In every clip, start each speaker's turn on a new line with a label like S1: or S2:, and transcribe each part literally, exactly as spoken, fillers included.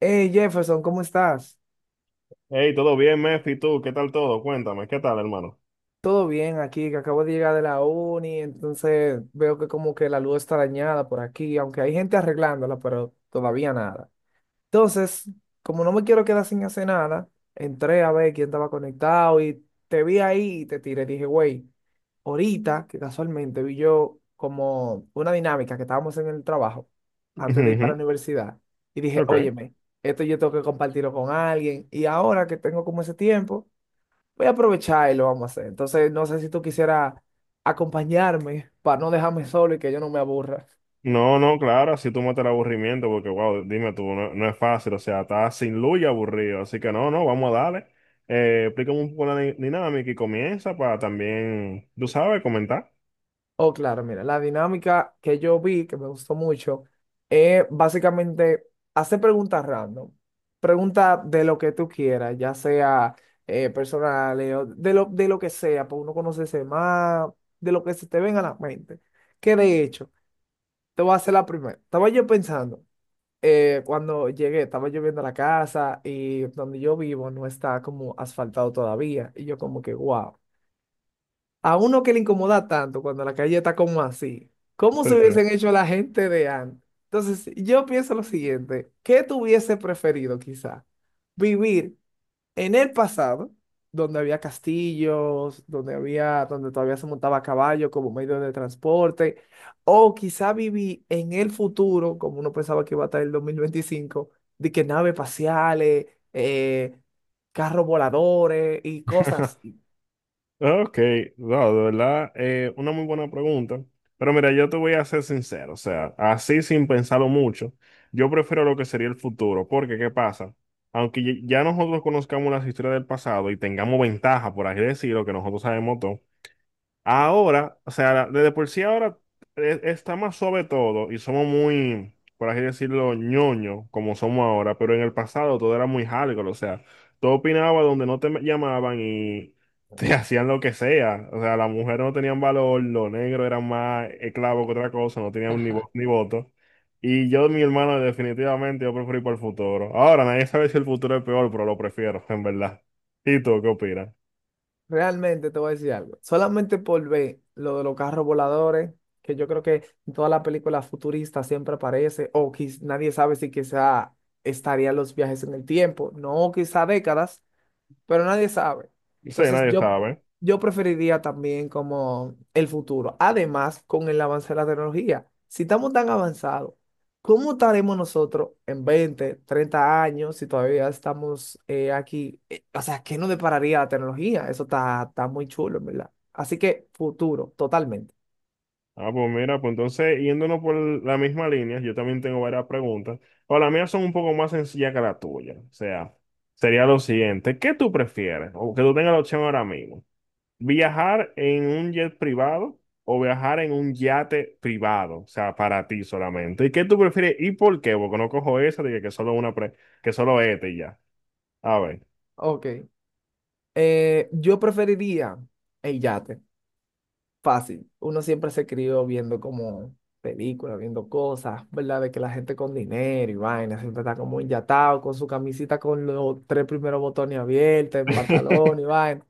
S1: Hey Jefferson, ¿cómo estás?
S2: Hey, todo bien, Mefi, tú, ¿qué tal todo? Cuéntame, ¿qué tal, hermano?
S1: Todo bien aquí, que acabo de llegar de la uni, entonces veo que como que la luz está dañada por aquí, aunque hay gente arreglándola, pero todavía nada. Entonces, como no me quiero quedar sin hacer nada, entré a ver quién estaba conectado y te vi ahí y te tiré. Dije, güey, ahorita que casualmente vi yo como una dinámica que estábamos en el trabajo antes de ir para la
S2: Ujú.
S1: universidad y dije,
S2: Ok.
S1: óyeme, esto yo tengo que compartirlo con alguien y ahora que tengo como ese tiempo. Voy a aprovechar y lo vamos a hacer. Entonces, no sé si tú quisieras acompañarme para no dejarme solo y que yo no me aburra.
S2: No, no, claro, así tú matas el aburrimiento, porque, wow, dime tú, no, no es fácil, o sea, estás sin luz y aburrido, así que no, no, vamos a darle. Eh, explícame un poco la di- dinámica y comienza para también, tú sabes, comentar.
S1: Oh, claro, mira, la dinámica que yo vi, que me gustó mucho, es básicamente hacer preguntas random. Preguntas de lo que tú quieras, ya sea eh, personales o de lo, de lo que sea, para uno conocerse más, de lo que se te venga a la mente. Que de hecho, te voy a hacer la primera. Estaba yo pensando. eh, cuando llegué, estaba lloviendo a la casa y donde yo vivo no está como asfaltado todavía. Y yo como que, wow, a uno que le incomoda tanto cuando la calle está como así, ¿cómo
S2: Sí,
S1: se
S2: sí.
S1: hubiesen hecho la gente de antes? Entonces, yo pienso lo siguiente, ¿qué tuviese preferido quizá? ¿Vivir en el pasado, donde había castillos, donde había, donde todavía se montaba a caballo como medio de transporte, o quizá viví en el futuro, como uno pensaba que iba a estar el dos mil veinticinco, de que naves espaciales, eh, carros voladores y cosas. Así.
S2: Ok, no, de verdad, eh, una muy buena pregunta. Pero mira, yo te voy a ser sincero, o sea, así sin pensarlo mucho, yo prefiero lo que sería el futuro, porque ¿qué pasa? Aunque ya ya nosotros conozcamos las historias del pasado y tengamos ventaja, por así decirlo, que nosotros sabemos todo. Ahora, o sea, desde por sí ahora, eh, está más suave todo y somos muy, por así decirlo, ñoño, como somos ahora, pero en el pasado todo era muy hardcore, o sea, todo opinaba donde no te llamaban y te hacían lo que sea, o sea, las mujeres no tenían valor, los negros eran más esclavos que otra cosa, no tenían ni, vo- ni voto. Y yo, mi hermano, definitivamente yo preferí para el futuro. Ahora, nadie sabe si el futuro es peor, pero lo prefiero, en verdad. ¿Y tú qué opinas?
S1: Realmente te voy a decir algo. Solamente por ver lo de los carros voladores, que yo creo que en todas las películas futuristas siempre aparece, o quiz- nadie sabe si quizá estarían los viajes en el tiempo, no quizá décadas, pero nadie sabe.
S2: Sí,
S1: Entonces
S2: nadie
S1: yo,
S2: sabe.
S1: yo preferiría también como el futuro. Además, con el avance de la tecnología, si estamos tan avanzados, ¿cómo estaremos nosotros en veinte treinta años si todavía estamos eh, aquí? Eh, o sea, ¿qué nos depararía la tecnología? Eso está, está muy chulo, en verdad. Así que futuro, totalmente.
S2: Ah, pues mira, pues entonces, yéndonos por la misma línea, yo también tengo varias preguntas. O las mías son un poco más sencillas que la tuya. O sea, sería lo siguiente, ¿qué tú prefieres? O que tú tengas la opción ahora mismo. ¿Viajar en un jet privado o viajar en un yate privado? O sea, para ti solamente. ¿Y qué tú prefieres y por qué? Porque no cojo esa de que solo una pre- que solo este y ya. A ver.
S1: Ok. Eh, yo preferiría el yate. Fácil. Uno siempre se crió viendo como películas, viendo cosas, ¿verdad? De que la gente con dinero y vaina siempre está como inyatado con su camisita con los tres primeros botones abiertos, en pantalón y vaina.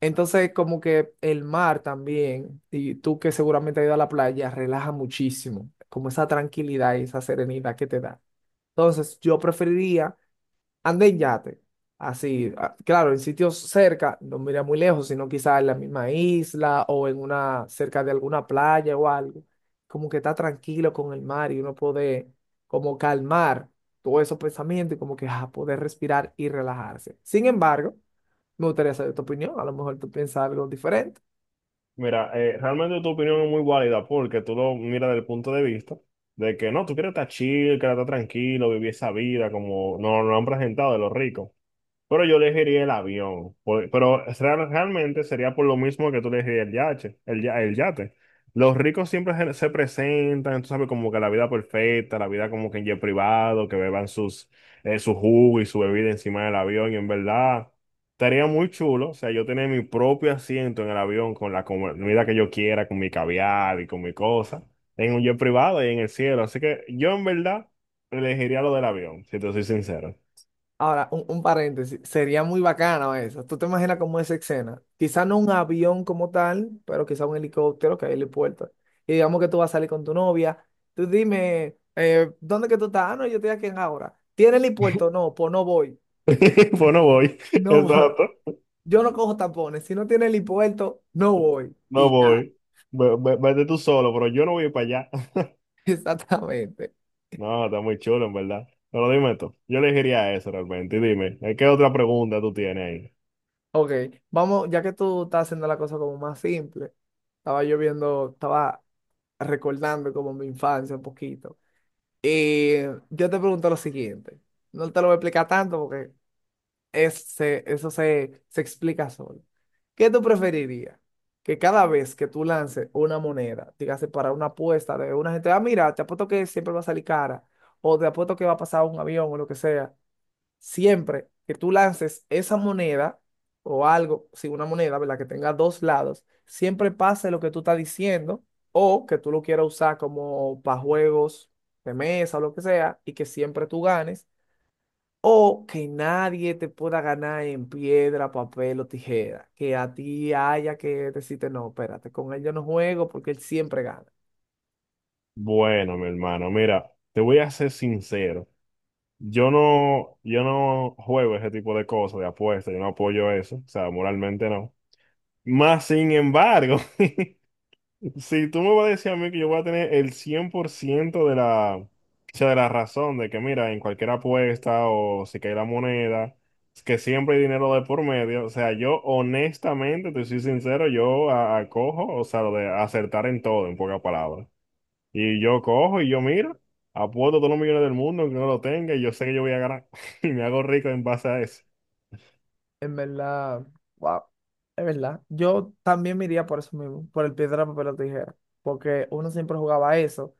S1: Entonces, como que el mar también, y tú que seguramente has ido a la playa, relaja muchísimo, como esa tranquilidad y esa serenidad que te da. Entonces, yo preferiría ande en yate, así, a- claro, en sitios cerca, no mira muy lejos, sino quizás en la misma isla o en una, cerca de alguna playa o algo, como que está tranquilo con el mar y uno puede como calmar todos esos pensamientos y como que ah, poder respirar y relajarse. Sin embargo, me gustaría saber tu opinión, a lo mejor tú piensas algo diferente.
S2: Mira, eh, realmente tu opinión es muy válida porque tú lo miras desde el punto de vista de que no, tú quieres estar chill, quieres estar tranquilo, vivir esa vida como nos lo han presentado de los ricos. Pero yo elegiría el avión, por- pero real- realmente sería por lo mismo que tú elegirías el yate, el, ya- el yate. Los ricos siempre se, se presentan, tú sabes, como que la vida perfecta, la vida como que en jet privado, que beban sus, eh, su jugo y su bebida encima del avión, y en verdad estaría muy chulo, o sea, yo tener mi propio asiento en el avión con la comida que yo quiera, con mi caviar y con mi cosa, en un jet privado y en el cielo. Así que yo en verdad elegiría lo del avión, si te soy sincero.
S1: Ahora, un, un paréntesis, sería muy bacano eso. ¿Tú te imaginas cómo es esa escena? Quizá no un avión como tal, pero quizá un helicóptero que hay helipuerto. Y digamos que tú vas a salir con tu novia. Tú dime, eh, ¿dónde que tú estás? Ah, no, yo estoy aquí en ahora. ¿Tiene helipuerto? No, pues no voy.
S2: Pues no voy,
S1: No voy.
S2: exacto,
S1: Yo no cojo tapones. Si no tiene helipuerto, no voy.
S2: no
S1: Y ya.
S2: voy. Ve- ve- Vete tú solo, pero yo no voy para allá.
S1: Exactamente.
S2: No, está muy chulo, en verdad. Pero dime tú, yo elegiría eso realmente. Y dime, ¿eh, ¿qué otra pregunta tú tienes ahí?
S1: Ok, vamos, ya que tú estás haciendo la cosa como más simple, estaba yo viendo, estaba recordando como mi infancia un poquito. Y yo te pregunto lo siguiente, no te lo voy a explicar tanto porque es- se- eso se, se explica solo. ¿Qué tú preferirías? Que cada vez que tú lances una moneda, dígase para una apuesta de una gente, ah, mira, te apuesto que siempre va a salir cara, o te apuesto que va a pasar un avión o lo que sea, siempre que tú lances esa moneda o algo, si una moneda, ¿verdad? Que tenga dos lados, siempre pase lo que tú estás diciendo o que tú lo quieras usar como para juegos de mesa o lo que sea y que siempre tú ganes o que nadie te pueda ganar en piedra, papel o tijera, que a ti haya que decirte, no, espérate, con él yo no juego porque él siempre gana.
S2: Bueno, mi hermano, mira, te voy a ser sincero. Yo no, yo no juego ese tipo de cosas, de apuestas, yo no apoyo eso, o sea, moralmente no. Más sin embargo, si tú me vas a decir a mí que yo voy a tener el cien por ciento de la, o sea, de la razón de que, mira, en cualquier apuesta o si cae la moneda, es que siempre hay dinero de por medio, o sea, yo honestamente, te soy sincero, yo a- acojo, o sea, lo de acertar en todo, en pocas palabras. Y yo cojo y yo miro, apuesto todos los millones del mundo que no lo tenga y yo sé que yo voy a ganar. Y me hago rico en base a eso.
S1: En verdad, wow, es verdad. Yo también me iría por eso mismo, por el piedra, papel o tijera, porque uno siempre jugaba a eso,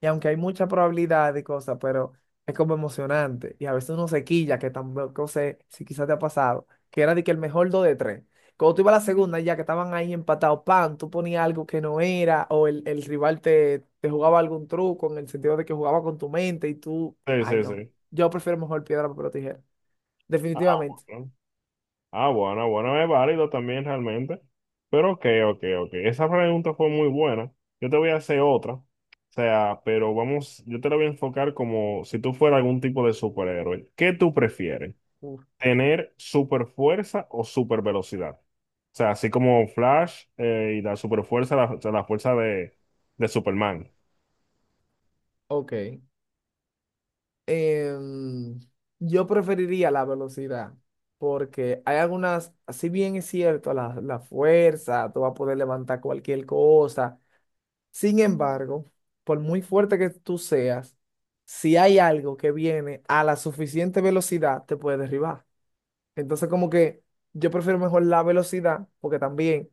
S1: y aunque hay mucha probabilidad y cosas, pero es como emocionante, y a veces uno se quilla, que tampoco sé si quizás te ha pasado, que era de que el mejor dos de tres. Cuando tú ibas a la segunda, ya que estaban ahí empatados, pan, tú ponías algo que no era, o el, el rival te, te jugaba algún truco en el sentido de que jugaba con tu mente, y tú,
S2: Sí,
S1: ay
S2: sí,
S1: no,
S2: sí.
S1: yo prefiero mejor piedra, papel o tijera,
S2: Ah,
S1: definitivamente.
S2: bueno. Ah, bueno, bueno, es válido también realmente. Pero ok, ok, ok. Esa pregunta fue muy buena. Yo te voy a hacer otra. O sea, pero vamos, yo te la voy a enfocar como si tú fueras algún tipo de superhéroe. ¿Qué tú prefieres? Tener super fuerza o super velocidad. O sea, así como Flash, eh, y la super fuerza, la, o sea, la fuerza de, de Superman.
S1: Ok. Em, yo preferiría la velocidad porque hay algunas, si bien es cierto, la, la fuerza, tú vas a poder levantar cualquier cosa. Sin embargo, por muy fuerte que tú seas, si hay algo que viene a la suficiente velocidad, te puede derribar. Entonces, como que yo prefiero mejor la velocidad, porque también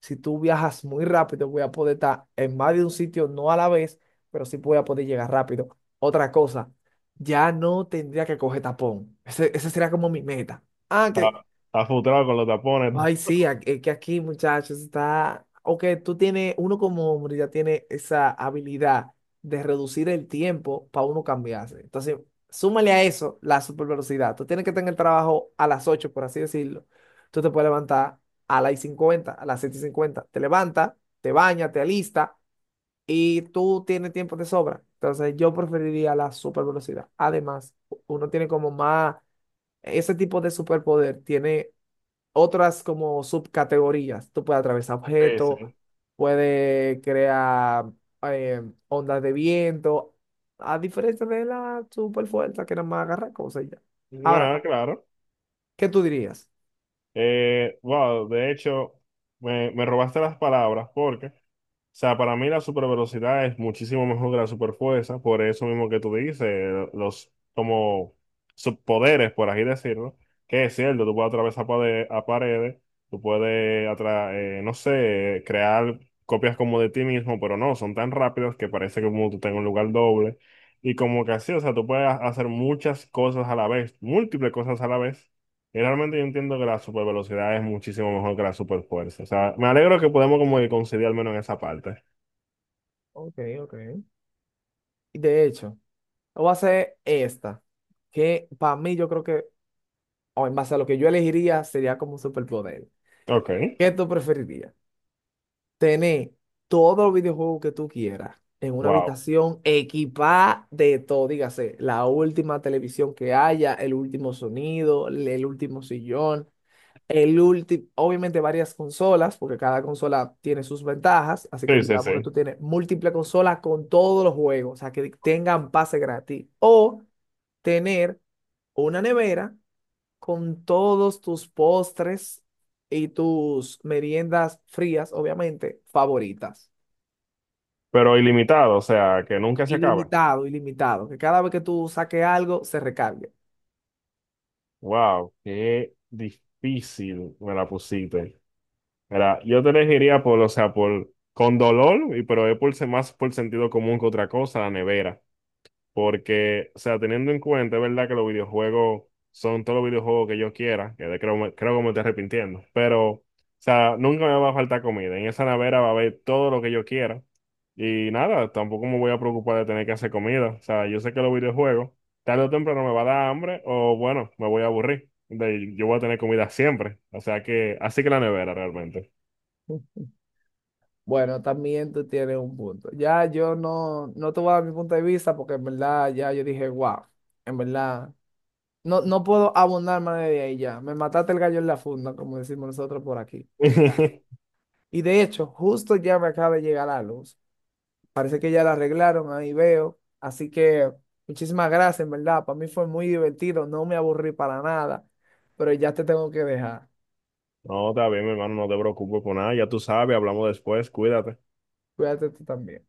S1: si tú viajas muy rápido, voy a poder estar en más de un sitio, no a la vez, pero sí voy a poder llegar rápido. Otra cosa, ya no tendría que coger tapón. Ese, esa sería como mi meta. Ah,
S2: Está,
S1: que
S2: está frustrado con los tapones, ¿no?
S1: ay, sí, a- es que aquí, muchachos, está. O que tú tienes, uno como hombre ya tiene esa habilidad de reducir el tiempo para uno cambiarse. Entonces, súmale a eso la super velocidad. Tú tienes que tener el trabajo a las ocho, por así decirlo. Tú te puedes levantar a las 50, a las siete y cincuenta. Te levantas, te bañas, te alistas y tú tienes tiempo de sobra. Entonces, yo preferiría la super velocidad. Además, uno tiene como más. Ese tipo de superpoder tiene otras como subcategorías. Tú puedes atravesar
S2: Sí,
S1: objetos,
S2: sí.
S1: puedes crear eh, ondas de viento, a diferencia de la super fuerza que nada más agarra cosas y ya. Ahora,
S2: Nada, claro.
S1: ¿qué tú dirías?
S2: Eh, wow, de hecho, me, me robaste las palabras porque sea, para mí la supervelocidad es muchísimo mejor que la superfuerza, por eso mismo que tú dices, eh, los como subpoderes, por así decirlo, que es cierto, tú puedes atravesar pade- a paredes, tú puedes, atra- eh, no sé, crear copias como de ti mismo, pero no, son tan rápidos que parece que como tú tengas un lugar doble, y como que así, o sea, tú puedes ha- hacer muchas cosas a la vez, múltiples cosas a la vez. Y realmente yo entiendo que la supervelocidad es muchísimo mejor que la superfuerza. O sea, me alegro que podemos como que conciliar al menos en esa parte.
S1: Ok, ok. Y de hecho, voy a hacer esta, que para mí yo creo que, o en base a lo que yo elegiría, sería como un superpoder.
S2: Ok,
S1: ¿Qué tú preferirías? Tener todos los videojuegos que tú quieras en una
S2: wow.
S1: habitación equipada de todo, dígase, la última televisión que haya, el último sonido, el el último sillón, el último, obviamente varias consolas, porque cada consola tiene sus ventajas, así
S2: Sí,
S1: que
S2: sí, sí.
S1: digamos que tú tienes múltiples consolas con todos los juegos, o sea, que tengan pase gratis, o tener una nevera con todos tus postres y tus meriendas frías, obviamente, favoritas.
S2: Pero ilimitado, o sea, que nunca se acaba.
S1: Ilimitado, ilimitado. Que cada vez que tú saques algo, se recargue.
S2: Wow, qué difícil me la pusiste. Mira, yo te elegiría por, o sea, por, con dolor, y pero es por, se- más por sentido común que otra cosa, la nevera. Porque, o sea, teniendo en cuenta, es verdad que los videojuegos son todos los videojuegos que yo quiera, que de- creo, me- creo que me estoy arrepintiendo, pero, o sea, nunca me va a faltar comida. En esa nevera va a haber todo lo que yo quiera. Y nada, tampoco me voy a preocupar de tener que hacer comida. O sea, yo sé que los videojuegos, tarde o temprano me va a dar hambre o, bueno, me voy a aburrir. De- yo voy a tener comida siempre. O sea que, así que la nevera realmente.
S1: Bueno, también tú tienes un punto. Ya yo no, no te voy a dar mi punto de vista porque en verdad ya yo dije, wow, en verdad, no, no puedo abundar más de ahí ya. Me mataste el gallo en la funda, como decimos nosotros por aquí. Ya. Y de hecho, justo ya me acaba de llegar la luz. Parece que ya la arreglaron, ahí veo. Así que muchísimas gracias, en verdad. Para mí fue muy divertido, no me aburrí para nada, pero ya te tengo que dejar.
S2: No, está bien, mi hermano, no te preocupes por nada. Ya tú sabes, hablamos después, cuídate.
S1: Cuídate tú también.